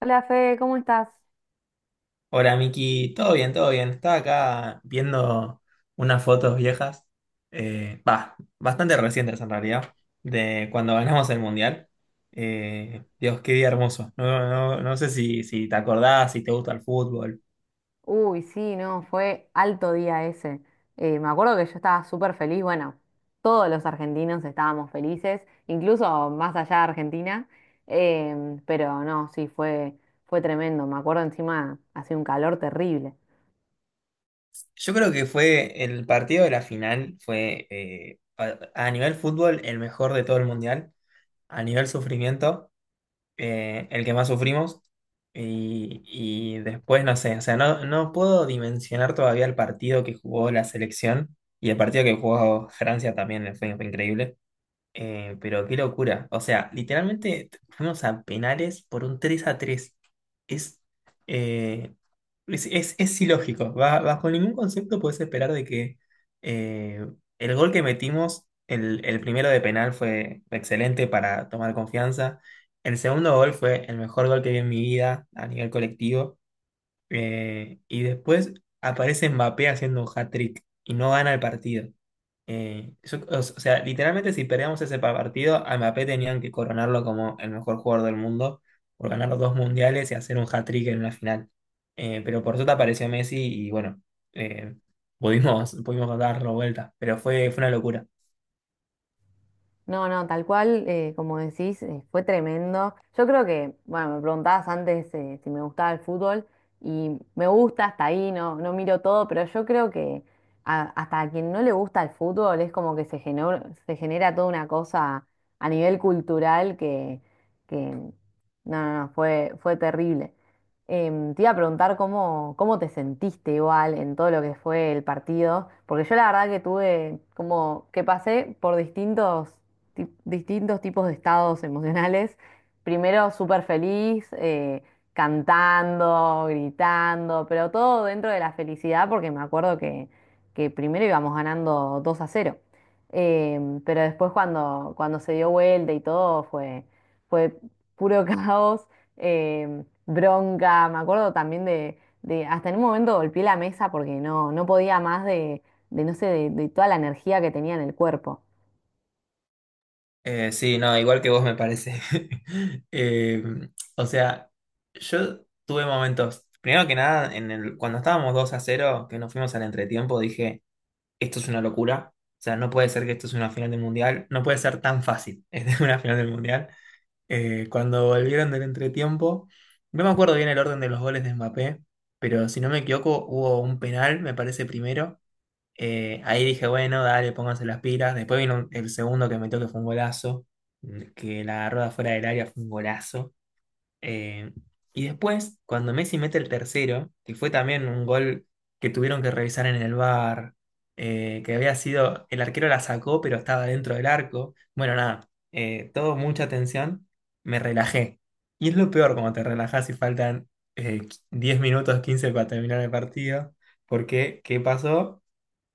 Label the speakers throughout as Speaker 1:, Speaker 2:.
Speaker 1: Hola Fe, ¿cómo estás?
Speaker 2: Hola Miki, todo bien, todo bien. Estaba acá viendo unas fotos viejas, bah, bastante recientes en realidad, de cuando ganamos el Mundial. Dios, qué día hermoso. No, no, no sé si te acordás, si te gusta el fútbol.
Speaker 1: Uy, sí, no, fue alto día ese. Me acuerdo que yo estaba súper feliz, bueno, todos los argentinos estábamos felices, incluso más allá de Argentina, pero no, sí, fue tremendo. Me acuerdo encima, hacía un calor terrible.
Speaker 2: Yo creo que fue el partido de la final, fue a nivel fútbol el mejor de todo el Mundial, a nivel sufrimiento. El que más sufrimos. Y después, no sé, o sea, no, no puedo dimensionar todavía el partido que jugó la selección y el partido que jugó Francia también fue increíble. Pero qué locura. O sea, literalmente fuimos a penales por un 3-3. Es, eh, es ilógico. Bajo ningún concepto puedes esperar de que eh, el gol que metimos, el primero de penal fue excelente para tomar confianza. El segundo gol fue el mejor gol que vi en mi vida a nivel colectivo. Y después aparece Mbappé haciendo un hat-trick y no gana el partido. O sea, literalmente si perdíamos ese partido, a Mbappé tenían que coronarlo como el mejor jugador del mundo por ganar los dos mundiales y hacer un hat-trick en una final. Pero por suerte apareció Messi y bueno, eh, pudimos, pudimos darlo vuelta, pero fue una locura.
Speaker 1: No, no, tal cual, como decís, fue tremendo. Yo creo que, bueno, me preguntabas antes si me gustaba el fútbol y me gusta hasta ahí, no, no miro todo, pero yo creo que hasta a quien no le gusta el fútbol es como que se genera toda una cosa a nivel cultural que no, no, no, fue terrible. Te iba a preguntar cómo te sentiste igual en todo lo que fue el partido, porque yo la verdad que tuve como que pasé por distintos distintos tipos de estados emocionales. Primero súper feliz, cantando, gritando, pero todo dentro de la felicidad, porque me acuerdo que primero íbamos ganando 2-0. Pero después cuando se dio vuelta y todo fue puro caos, em, bronca. Me acuerdo también hasta en un momento golpeé la mesa porque no, no podía más de, no sé, de toda la energía que tenía en el cuerpo.
Speaker 2: Sí, no, igual que vos me parece. Eh, o sea, yo tuve momentos, primero que nada, en cuando estábamos 2-0, que nos fuimos al entretiempo, dije, esto es una locura. O sea, no puede ser que esto es una final del mundial, no puede ser tan fácil, es una final del mundial. Cuando volvieron del entretiempo, no me acuerdo bien el orden de los goles de Mbappé, pero si no me equivoco, hubo un penal, me parece primero. Ahí dije, bueno, dale, pónganse las pilas. Después vino el segundo que metió que fue un golazo, que la rueda fuera del área fue un golazo. Eh, y después, cuando Messi mete el tercero, que fue también un gol que tuvieron que revisar en el VAR, que había sido, el arquero la sacó, pero estaba dentro del arco. Bueno, nada, todo mucha tensión, me relajé. Y es lo peor cuando te relajas y faltan 10 minutos, 15 para terminar el partido, porque ¿qué pasó?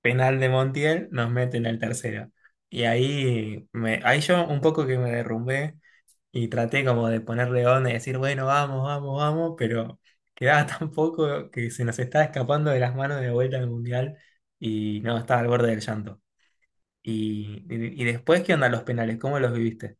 Speaker 2: Penal de Montiel, nos meten al tercero. Y ahí yo un poco que me derrumbé y traté como de ponerle onda y decir, bueno, vamos, vamos, vamos, pero quedaba tan poco que se nos estaba escapando de las manos de vuelta al Mundial y no, estaba al borde del llanto. Y después, ¿qué onda los penales? ¿Cómo los viviste?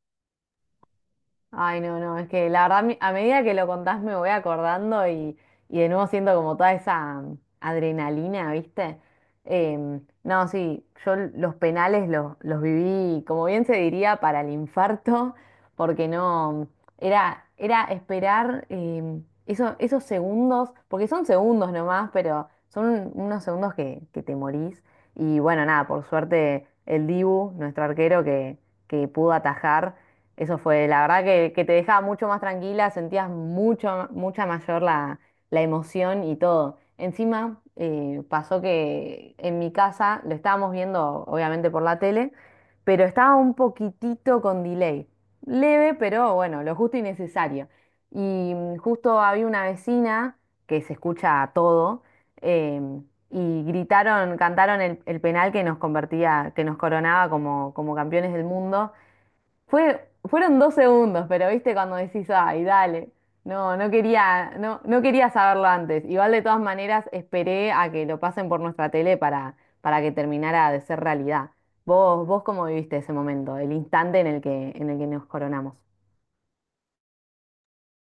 Speaker 1: Ay, no, no, es que la verdad, a medida que lo contás me voy acordando y de nuevo siento como toda esa adrenalina, ¿viste? No, sí, yo los penales los viví, como bien se diría, para el infarto, porque no, era, era esperar esos segundos, porque son segundos nomás, pero son unos segundos que te morís. Y bueno, nada, por suerte el Dibu, nuestro arquero que pudo atajar. Eso fue, la verdad que te dejaba mucho más tranquila, sentías mucha mayor la emoción y todo. Encima, pasó que en mi casa lo estábamos viendo, obviamente, por la tele, pero estaba un poquitito con delay. Leve, pero bueno, lo justo y necesario. Y justo había una vecina que se escucha todo, em, y gritaron, cantaron el penal que nos convertía, que nos coronaba como campeones del mundo. Fue, fueron dos segundos, pero viste cuando decís, ay, dale. No, no quería, no, no quería saberlo antes. Igual de todas maneras esperé a que lo pasen por nuestra tele para que terminara de ser realidad. ¿Vos, vos cómo viviste ese momento, el instante en el que nos coronamos?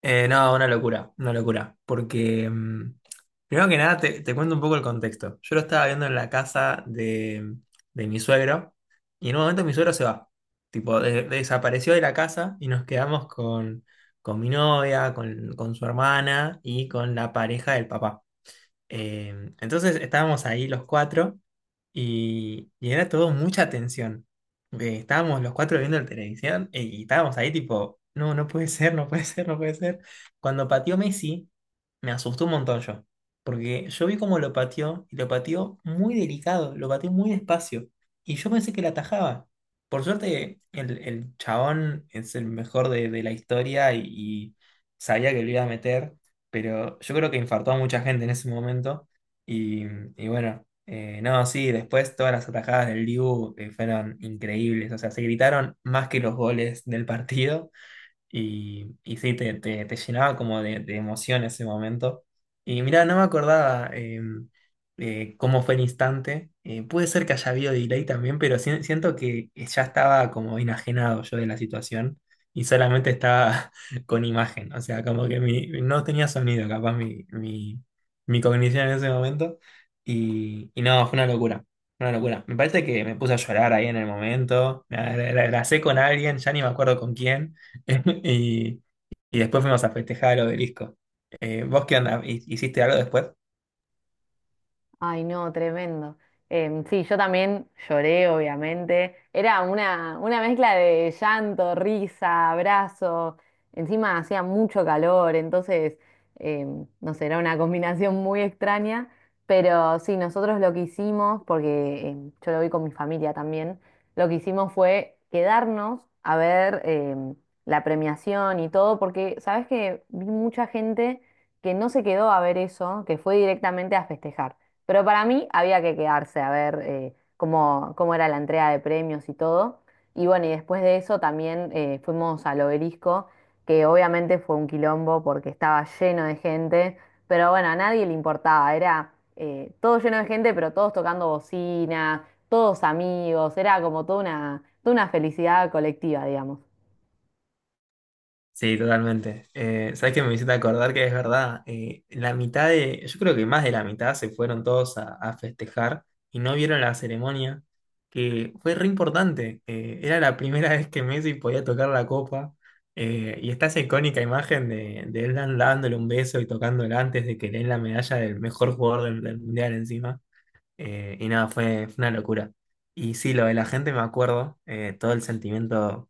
Speaker 2: No, una locura, porque primero que nada te cuento un poco el contexto. Yo lo estaba viendo en la casa de mi suegro y en un momento mi suegro se va, tipo, desapareció de la casa y nos quedamos con mi novia, con su hermana y con la pareja del papá. Entonces estábamos ahí los cuatro y era todo mucha tensión. Estábamos los cuatro viendo la televisión, y estábamos ahí tipo, no, no puede ser, no puede ser, no puede ser. Cuando pateó Messi, me asustó un montón yo, porque yo vi cómo lo pateó y lo pateó muy delicado, lo pateó muy despacio y yo pensé que la atajaba. Por suerte, el chabón es el mejor de la historia y sabía que lo iba a meter, pero yo creo que infartó a mucha gente en ese momento. Y, y bueno, no, sí, después todas las atajadas del Dibu fueron increíbles. O sea, se gritaron más que los goles del partido. Y sí, te llenaba como de emoción ese momento. Y mira, no me acordaba cómo fue el instante. Puede ser que haya habido delay también, pero siento que ya estaba como enajenado yo de la situación y solamente estaba con imagen. O sea, como que no tenía sonido, capaz mi cognición en ese momento. Y no, fue una locura. Una locura. Me parece que me puse a llorar ahí en el momento. Abracé con alguien, ya ni me acuerdo con quién. Y y después fuimos a festejar al obelisco. ¿Vos qué onda? ¿Hiciste algo después?
Speaker 1: Ay, no, tremendo. Sí, yo también lloré, obviamente. Era una mezcla de llanto, risa, abrazo. Encima hacía mucho calor, entonces, em, no sé, era una combinación muy extraña. Pero sí, nosotros lo que hicimos, porque yo lo vi con mi familia también, lo que hicimos fue quedarnos a ver la premiación y todo, porque, ¿sabes que vi mucha gente que no se quedó a ver eso, que fue directamente a festejar. Pero para mí había que quedarse a ver cómo era la entrega de premios y todo. Y bueno, y después de eso también fuimos al Obelisco, que obviamente fue un quilombo porque estaba lleno de gente, pero bueno, a nadie le importaba, era todo lleno de gente, pero todos tocando bocina, todos amigos, era como toda una felicidad colectiva, digamos.
Speaker 2: Sí, totalmente. ¿Sabés qué me hiciste acordar que es verdad? La mitad de, yo creo que más de la mitad se fueron todos a festejar y no vieron la ceremonia, que fue re importante. Era la primera vez que Messi podía tocar la copa. Y está esa icónica imagen de él dándole un beso y tocándola antes de que le den la medalla del mejor jugador del mundial encima. Y nada, fue una locura. Y sí, lo de la gente me acuerdo, todo el sentimiento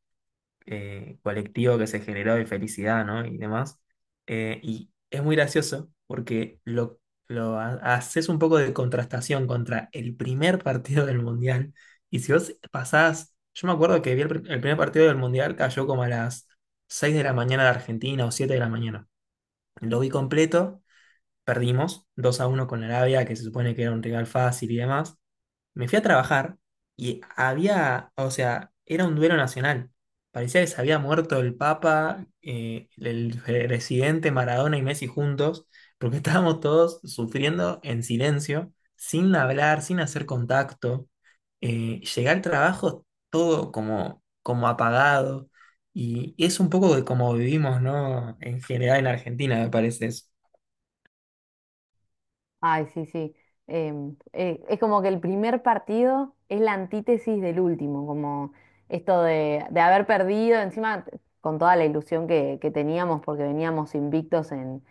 Speaker 2: colectivo que se generó de felicidad, ¿no? Y demás. Y es muy gracioso porque haces un poco de contrastación contra el primer partido del Mundial. Y si vos pasás, yo me acuerdo que vi el primer partido del Mundial cayó como a las 6 de la mañana de Argentina o 7 de la mañana. Lo vi completo, perdimos 2-1 con Arabia, que se supone que era un rival fácil y demás. Me fui a trabajar y había, o sea, era un duelo nacional. Parecía que se había muerto el Papa, el presidente Maradona y Messi juntos, porque estábamos todos sufriendo en silencio, sin hablar, sin hacer contacto. Llegué al trabajo todo como, como apagado y es un poco de como vivimos, ¿no? En general en Argentina, me parece eso.
Speaker 1: Ay, sí, sí. Es como que el primer partido es la antítesis del último, como esto de haber perdido, encima con toda la ilusión que teníamos porque veníamos invictos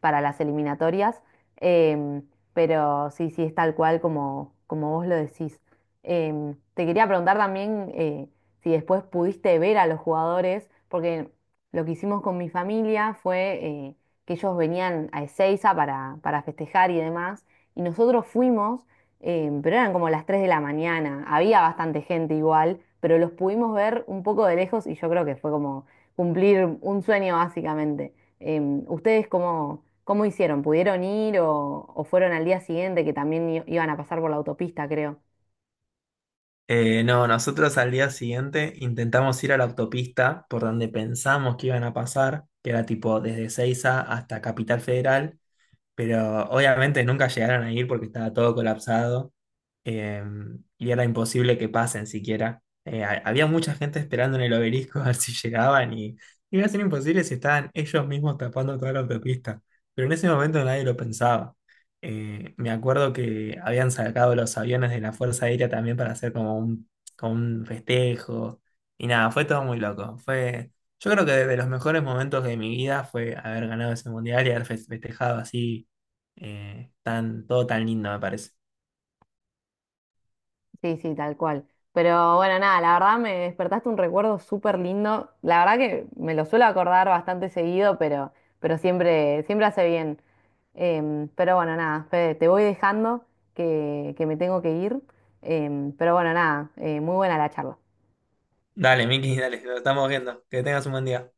Speaker 1: para las eliminatorias, em, pero sí, sí, es tal cual como vos lo decís. Te quería preguntar también si después pudiste ver a los jugadores, porque lo que hicimos con mi familia fue que ellos venían a Ezeiza para festejar y demás, y nosotros fuimos, pero eran como las 3 de la mañana, había bastante gente igual, pero los pudimos ver un poco de lejos y yo creo que fue como cumplir un sueño básicamente. ¿Ustedes cómo hicieron? ¿Pudieron ir o fueron al día siguiente que también iban a pasar por la autopista, creo?
Speaker 2: No, nosotros al día siguiente intentamos ir a la autopista por donde pensamos que iban a pasar, que era tipo desde Ezeiza hasta Capital Federal, pero obviamente nunca llegaron a ir porque estaba todo colapsado, eh, y era imposible que pasen siquiera. Había mucha gente esperando en el obelisco a ver si llegaban y iba a ser imposible si estaban ellos mismos tapando toda la autopista. Pero en ese momento nadie lo pensaba. Me acuerdo que habían sacado los aviones de la Fuerza Aérea también para hacer como como un festejo. Y nada, fue todo muy loco. Yo creo que de los mejores momentos de mi vida fue haber ganado ese mundial y haber festejado así, todo tan lindo me parece.
Speaker 1: Sí, sí, tal cual. Pero bueno, nada, la verdad me despertaste un recuerdo súper lindo. La verdad que me lo suelo acordar bastante seguido, pero siempre, siempre hace bien. Pero bueno, nada, Fede, te voy dejando que me tengo que ir. Em, pero bueno, nada, muy buena la charla.
Speaker 2: Dale, Miki, dale, lo estamos viendo. Que tengas un buen día.